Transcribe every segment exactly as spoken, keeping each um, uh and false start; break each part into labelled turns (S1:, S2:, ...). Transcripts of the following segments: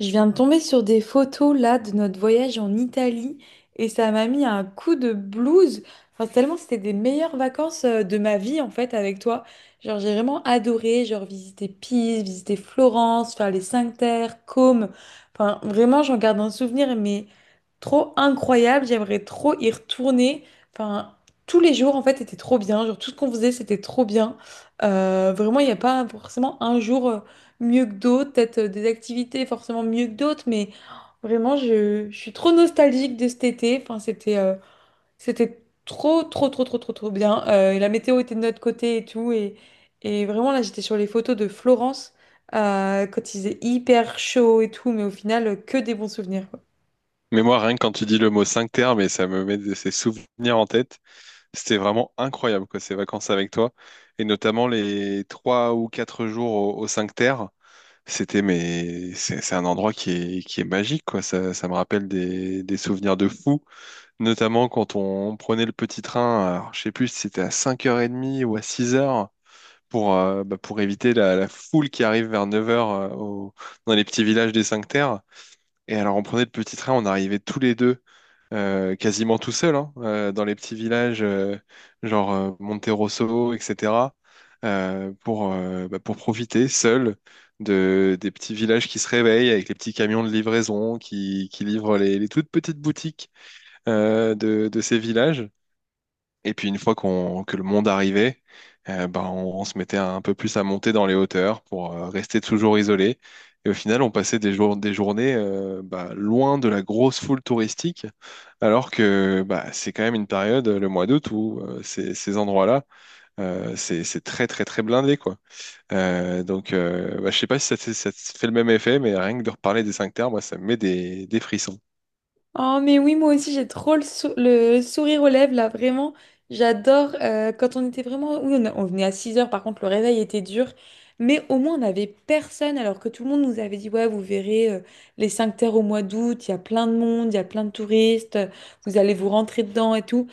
S1: Je viens de tomber sur des photos là de notre voyage en Italie et ça m'a mis un coup de blues. Enfin, tellement c'était des meilleures vacances euh, de ma vie en fait avec toi. Genre j'ai vraiment adoré, genre visiter Pise, visiter Florence, faire les Cinq Terres, Côme. Enfin vraiment j'en garde un souvenir mais trop incroyable. J'aimerais trop y retourner. Enfin tous les jours en fait étaient trop bien. Genre tout ce qu'on faisait c'était trop bien. Euh, vraiment il n'y a pas forcément un jour euh, mieux que d'autres, peut-être euh, des activités forcément mieux que d'autres, mais vraiment, je, je suis trop nostalgique de cet été. Enfin, c'était euh, c'était trop, trop, trop, trop, trop, trop bien. Euh, et la météo était de notre côté et tout. Et, et vraiment, là, j'étais sur les photos de Florence euh, quand il faisait hyper chaud et tout, mais au final, euh, que des bons souvenirs.
S2: Mais moi, rien que quand tu dis le mot terres, mais ça me met de- ces souvenirs en tête. C'était vraiment incroyable, quoi, ces vacances avec toi. Et notamment les trois ou quatre jours au, au terres. C'était, mais c'est c'est un endroit qui est, qui est magique, quoi. Ça, ça me rappelle des, des souvenirs de fou. Notamment quand on prenait le petit train, alors, je sais plus si c'était à cinq heures trente ou à six heures. Pour, euh, bah, pour éviter la, la foule qui arrive vers neuf heures dans les petits villages des cinq terres. Et alors on prenait le petit train, on arrivait tous les deux euh, quasiment tout seul, hein, euh, dans les petits villages, euh, genre euh, Monterosso, et cetera, euh, pour, euh, bah, pour profiter seul de, des petits villages qui se réveillent avec les petits camions de livraison qui, qui livrent les, les toutes petites boutiques euh, de, de ces villages. Et puis une fois qu'on que le monde arrivait, euh, ben, on, on se mettait un peu plus à monter dans les hauteurs pour euh, rester toujours isolé. Et au final, on passait des jours, des journées euh, bah, loin de la grosse foule touristique, alors que bah, c'est quand même une période, le mois d'août, où euh, ces, ces endroits-là, euh, c'est, c'est très très très blindé, quoi. Euh, donc, euh, bah, je sais pas si ça, te- ça te fait le même effet, mais rien que de reparler des cinq terres, moi, ça me met des, des frissons.
S1: Oh, mais oui, moi aussi, j'ai trop le, sou- le sourire aux lèvres, là, vraiment. J'adore. Euh, quand on était vraiment. Oui, on, a- on venait à six heures, par contre, le réveil était dur. Mais au moins, on n'avait personne, alors que tout le monde nous avait dit, ouais, vous verrez euh, les cinq terres au mois d'août, il y a plein de monde, il y a plein de touristes, vous allez vous rentrer dedans et tout.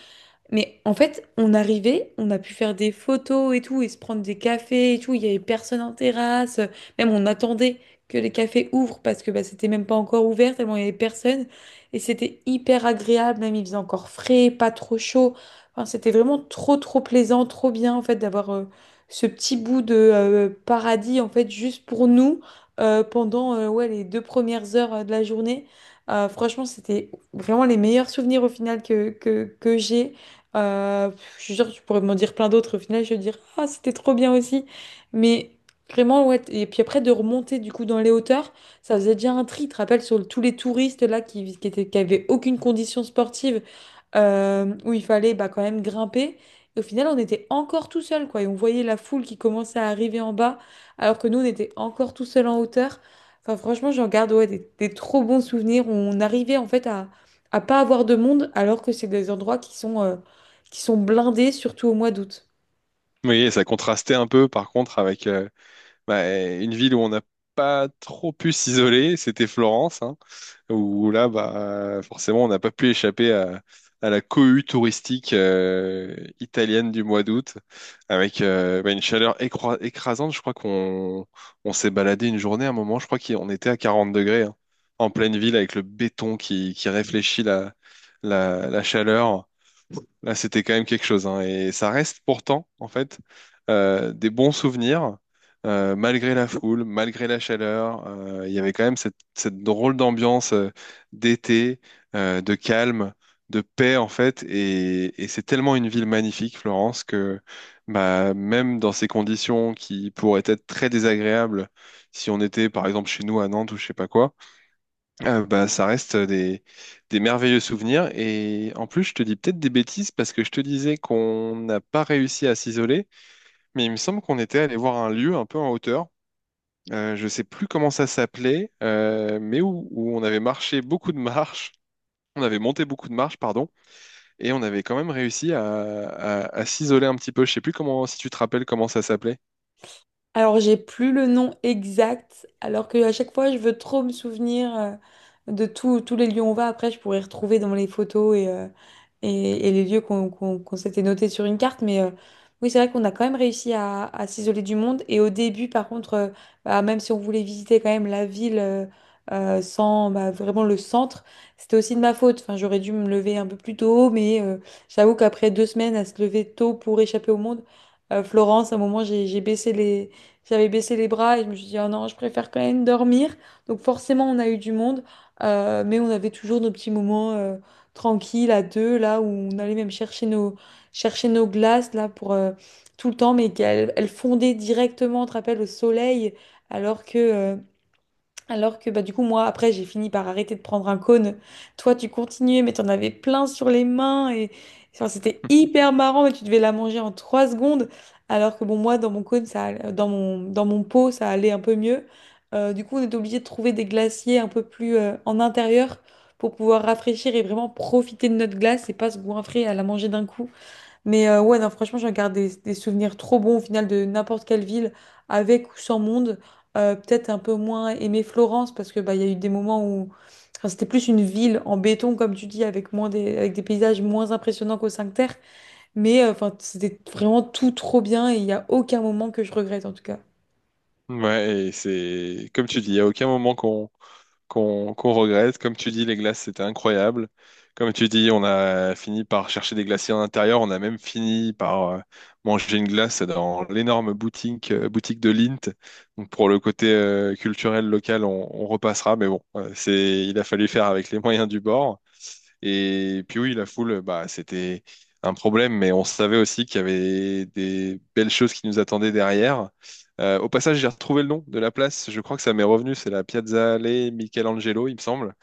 S1: Mais en fait, on arrivait, on a pu faire des photos et tout, et se prendre des cafés et tout. Il y avait personne en terrasse. Même on attendait que les cafés ouvrent parce que bah, c'était même pas encore ouvert, tellement il y avait personne. Et c'était hyper agréable, même il faisait encore frais, pas trop chaud. Enfin, c'était vraiment trop, trop plaisant, trop bien en fait d'avoir euh, ce petit bout de euh, paradis en fait juste pour nous euh, pendant euh, ouais, les deux premières heures euh, de la journée. Euh, franchement, c'était vraiment les meilleurs souvenirs au final que, que, que j'ai. Euh, je suis sûre que tu pourrais m'en dire plein d'autres. Au final, je vais dire, ah, c'était trop bien aussi. Mais vraiment, ouais. t- Et puis après, de remonter du coup dans les hauteurs, ça faisait déjà un tri. Tu te rappelles sur le- tous les touristes là qui, qui étaient, qui avaient aucune condition sportive euh, où il fallait bah, quand même grimper. Et au final, on était encore tout seul, quoi. Et on voyait la foule qui commençait à arriver en bas, alors que nous, on était encore tout seul en hauteur. Enfin, franchement, j'en garde ouais, des, des trop bons souvenirs. On arrivait en fait à, à pas avoir de monde, alors que c'est des endroits qui sont, euh, qui sont blindés, surtout au mois d'août.
S2: Oui, et ça contrastait un peu, par contre, avec euh, bah, une ville où on n'a pas trop pu s'isoler, c'était Florence, hein, où là, bah, forcément, on n'a pas pu échapper à, à la cohue touristique euh, italienne du mois d'août, avec euh, bah, une chaleur écro- écrasante. Je crois qu'on on s'est baladé une journée à un moment, je crois qu'on était à quarante degrés, hein, en pleine ville, avec le béton qui, qui réfléchit la, la, la chaleur. Là, c'était quand même quelque chose, hein. Et ça reste pourtant, en fait, euh, des bons souvenirs, euh, malgré la foule, malgré la chaleur. Euh, il y avait quand même cette, cette drôle d'ambiance euh, d'été, euh, de calme, de paix, en fait. Et, et c'est tellement une ville magnifique, Florence, que bah, même dans ces conditions qui pourraient être très désagréables, si on était, par exemple, chez nous à Nantes ou je sais pas quoi, euh, bah, ça reste euh, des, des merveilleux souvenirs. Et en plus, je te dis peut-être des bêtises parce que je te disais qu'on n'a pas réussi à s'isoler, mais il me semble qu'on était allé voir un lieu un peu en hauteur. Euh, je sais plus comment ça s'appelait, euh, mais où, où on avait marché beaucoup de marches. On avait monté beaucoup de marches, pardon. Et on avait quand même réussi à, à- à s'isoler un petit peu. Je sais plus comment, si tu te rappelles comment ça s'appelait.
S1: Alors, j'ai plus le nom exact, alors que à chaque fois, je veux trop me souvenir euh, de tous tous les lieux où on va. Après, je pourrais retrouver dans les photos et, euh, et, et les lieux qu'on qu'on, qu'on s'était notés sur une carte. Mais euh, oui, c'est vrai qu'on a quand même réussi à, à s'isoler du monde. Et au début, par contre, euh, bah, même si on voulait visiter quand même la ville euh, euh, sans bah, vraiment le centre, c'était aussi de ma faute. Enfin, j'aurais dû me lever un peu plus tôt, mais euh, j'avoue qu'après deux semaines à se lever tôt pour échapper au monde, euh, Florence, à un moment, j'ai j'ai baissé les j'avais baissé les bras et je me suis dit, oh non, je préfère quand même dormir. Donc forcément, on a eu du monde, euh, mais on avait toujours nos petits moments euh, tranquilles à deux, là où on allait même chercher nos, chercher nos glaces, là, pour euh, tout le temps, mais qu'elles elles fondaient directement, on te rappelle, au soleil, alors que... euh, alors que bah, du coup, moi, après, j'ai fini par arrêter de prendre un cône. Toi, tu continuais, mais t'en avais plein sur les mains. Et enfin, c'était hyper marrant, mais tu devais la manger en trois secondes. Alors que bon, moi, dans mon cône, ça, allait- dans mon, dans mon pot, ça allait un peu mieux. Euh, du coup, on était obligé de trouver des glaciers un peu plus euh, en intérieur pour pouvoir rafraîchir et vraiment profiter de notre glace et pas se goinfrer à la manger d'un coup. Mais euh, ouais, non, franchement, j'en garde des, des souvenirs trop bons au final de n'importe quelle ville, avec ou sans monde. Euh, peut-être un peu moins aimé Florence, parce que bah, il y a eu des moments où enfin, c'était plus une ville en béton, comme tu dis, avec moins des, avec des paysages moins impressionnants qu'au Cinque Terre. Mais euh, enfin, c'était vraiment tout trop bien et il n'y a aucun moment que je regrette, en tout cas.
S2: Ouais, et c'est comme tu dis, il n'y a aucun moment qu'on qu'on qu'on regrette. Comme tu dis, les glaces, c'était incroyable. Comme tu dis, on a fini par chercher des glaciers à l'intérieur. On a même fini par euh, manger une glace dans l'énorme boutique, euh, boutique de Lint. Donc pour le côté euh, culturel local, on, on repassera. Mais bon, euh, c'est, il a fallu faire avec les moyens du bord. Et puis oui, la foule, bah, c'était un problème, mais on savait aussi qu'il y avait des belles choses qui nous attendaient derrière. Euh, au passage, j'ai retrouvé le nom de la place. Je crois que ça m'est revenu. C'est la Piazza Alley Michelangelo, il me semble.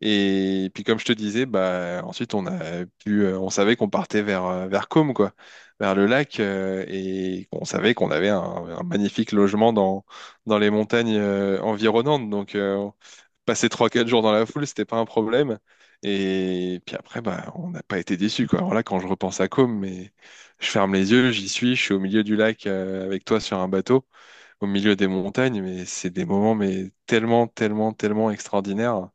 S2: Et puis, comme je te disais, bah, ensuite, on a pu, euh, on savait qu'on partait vers, euh, vers Côme, quoi, vers le lac, euh, et on savait qu'on avait un, un magnifique logement dans, dans les montagnes, euh, environnantes. Donc, euh, passer trois quatre jours dans la foule, c'était pas un problème. Et puis après, bah, on n'a pas été déçus, quoi. Alors là, quand je repense à Côme, mais je ferme les yeux, j'y suis, je suis au milieu du lac euh, avec toi sur un bateau, au milieu des montagnes, mais c'est des moments mais tellement, tellement, tellement extraordinaires.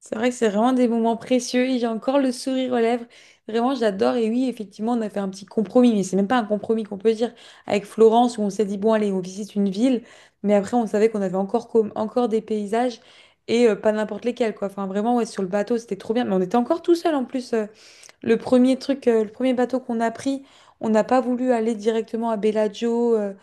S1: C'est vrai que c'est vraiment des moments précieux et j'ai encore le sourire aux lèvres. Vraiment, j'adore. Et oui, effectivement, on a fait un petit compromis, mais c'est même pas un compromis qu'on peut dire avec Florence où on s'est dit, bon, allez, on visite une ville, mais après, on savait qu'on avait encore, com- encore des paysages et euh, pas n'importe lesquels, quoi. Enfin, vraiment, ouais, sur le bateau, c'était trop bien. Mais on était encore tout seul en plus. euh, le premier truc, euh, le premier bateau qu'on a pris, on n'a pas voulu aller directement à Bellagio, euh,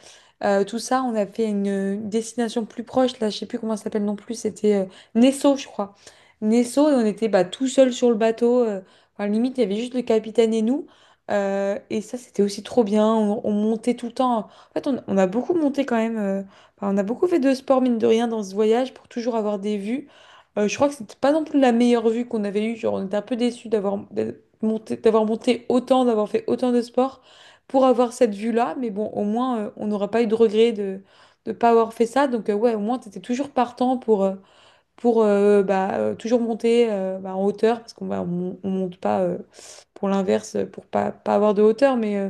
S1: euh, tout ça. On a fait une, une destination plus proche, là, je sais plus comment ça s'appelle non plus, c'était euh, Nesso, je crois. Nesso, et on était bah, tout seul sur le bateau. euh, enfin, limite, il y avait juste le capitaine et nous. Euh, et ça, c'était aussi trop bien. On, on montait tout le temps. En fait, on, on a beaucoup monté quand même. euh, enfin, on a beaucoup fait de sport, mine de rien, dans ce voyage pour toujours avoir des vues. Euh, je crois que c'était pas non plus la meilleure vue qu'on avait eue. Genre, on était un peu déçus d'avoir monter- d'avoir monté autant, d'avoir fait autant de sport pour avoir cette vue-là. Mais bon, au moins, euh, on n'aura pas eu de regret de ne pas avoir fait ça. Donc, euh, ouais, au moins, tu étais toujours partant pour, euh, pour euh, bah, euh, toujours monter euh, bah, en hauteur, parce qu'on va on, on monte pas euh, pour l'inverse, pour pas, pas avoir de hauteur. Mais euh,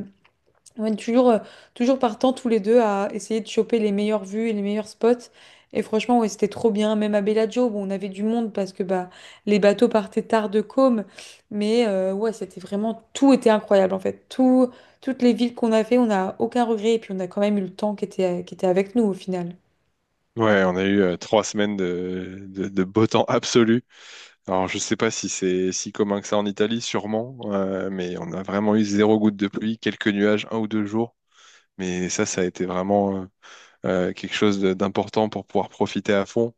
S1: Ouais, toujours, euh, toujours partant tous les deux à essayer de choper les meilleures vues et les meilleurs spots. Et franchement, ouais, c'était trop bien. Même à Bellagio, bon, on avait du monde parce que bah, les bateaux partaient tard de Côme. Mais euh, ouais, c'était vraiment, tout était incroyable en fait. Tout, toutes les villes qu'on a fait, on n'a aucun regret. Et puis on a quand même eu le temps qui était, qui était avec nous au final.
S2: Ouais, on a eu euh, trois semaines de, de, de beau temps absolu. Alors, je sais pas si c'est si commun que ça en Italie, sûrement, euh, mais on a vraiment eu zéro goutte de pluie, quelques nuages, un ou deux jours. Mais ça, ça a été vraiment, euh, euh, quelque chose de- d'important pour pouvoir profiter à fond.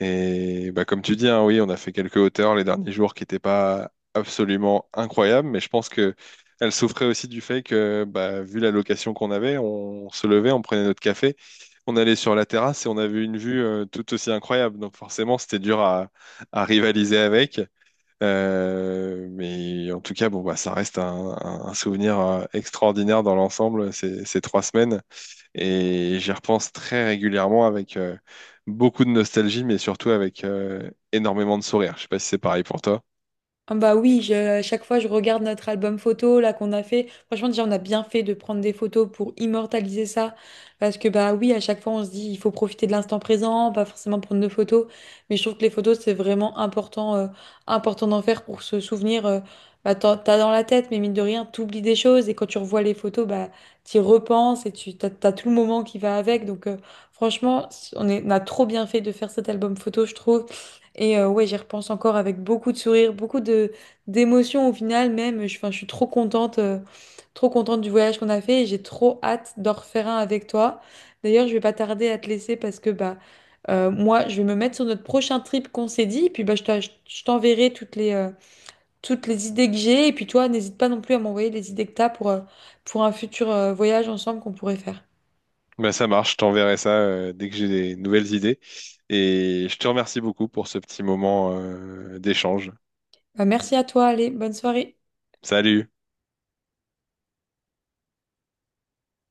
S2: Et bah, comme tu dis, hein, oui, on a fait quelques hauteurs les derniers jours qui n'étaient pas absolument incroyables, mais je pense que elles souffraient aussi du fait que, bah, vu la location qu'on avait, on se levait, on prenait notre café, on allait sur la terrasse et on avait une vue euh, tout aussi incroyable. Donc forcément, c'était dur à, à rivaliser avec. Euh, mais en tout cas, bon, bah, ça reste un, un- un souvenir euh, extraordinaire dans l'ensemble, ces, ces trois semaines. Et j'y repense très régulièrement avec euh, beaucoup de nostalgie, mais surtout avec euh, énormément de sourire. Je sais pas si c'est pareil pour toi.
S1: Ah bah oui, je- à chaque fois je regarde notre album photo là qu'on a fait. Franchement, déjà on a bien fait de prendre des photos pour immortaliser ça. Parce que bah oui, à chaque fois on se dit il faut profiter de l'instant présent, pas forcément prendre de photos. Mais je trouve que les photos c'est vraiment important, euh, important d'en faire pour se souvenir. euh, bah, t'en- t'as dans la tête, mais mine de rien, t'oublies des choses. Et quand tu revois les photos, bah t'y repenses et tu t'as, t'as tout le moment qui va avec. Donc euh, franchement, on est- on a trop bien fait de faire cet album photo, je trouve. Et euh, ouais, j'y repense encore avec beaucoup de sourires, beaucoup de d'émotions au final même. Je, 'fin, je suis trop contente, euh, trop contente du voyage qu'on a fait et j'ai trop hâte d'en refaire un avec toi. D'ailleurs, je vais pas tarder à te laisser parce que bah euh, moi, je vais me mettre sur notre prochain trip qu'on s'est dit et puis bah je t'a- je t'enverrai toutes les euh, toutes les idées que j'ai et puis toi, n'hésite pas non plus à m'envoyer les idées que t'as pour euh, pour un futur euh, voyage ensemble qu'on pourrait faire.
S2: Bah, ça marche, je t'enverrai ça euh, dès que j'ai des nouvelles idées. Et je te remercie beaucoup pour ce petit moment euh, d'échange.
S1: Bah, merci à toi, allez, bonne soirée.
S2: Salut!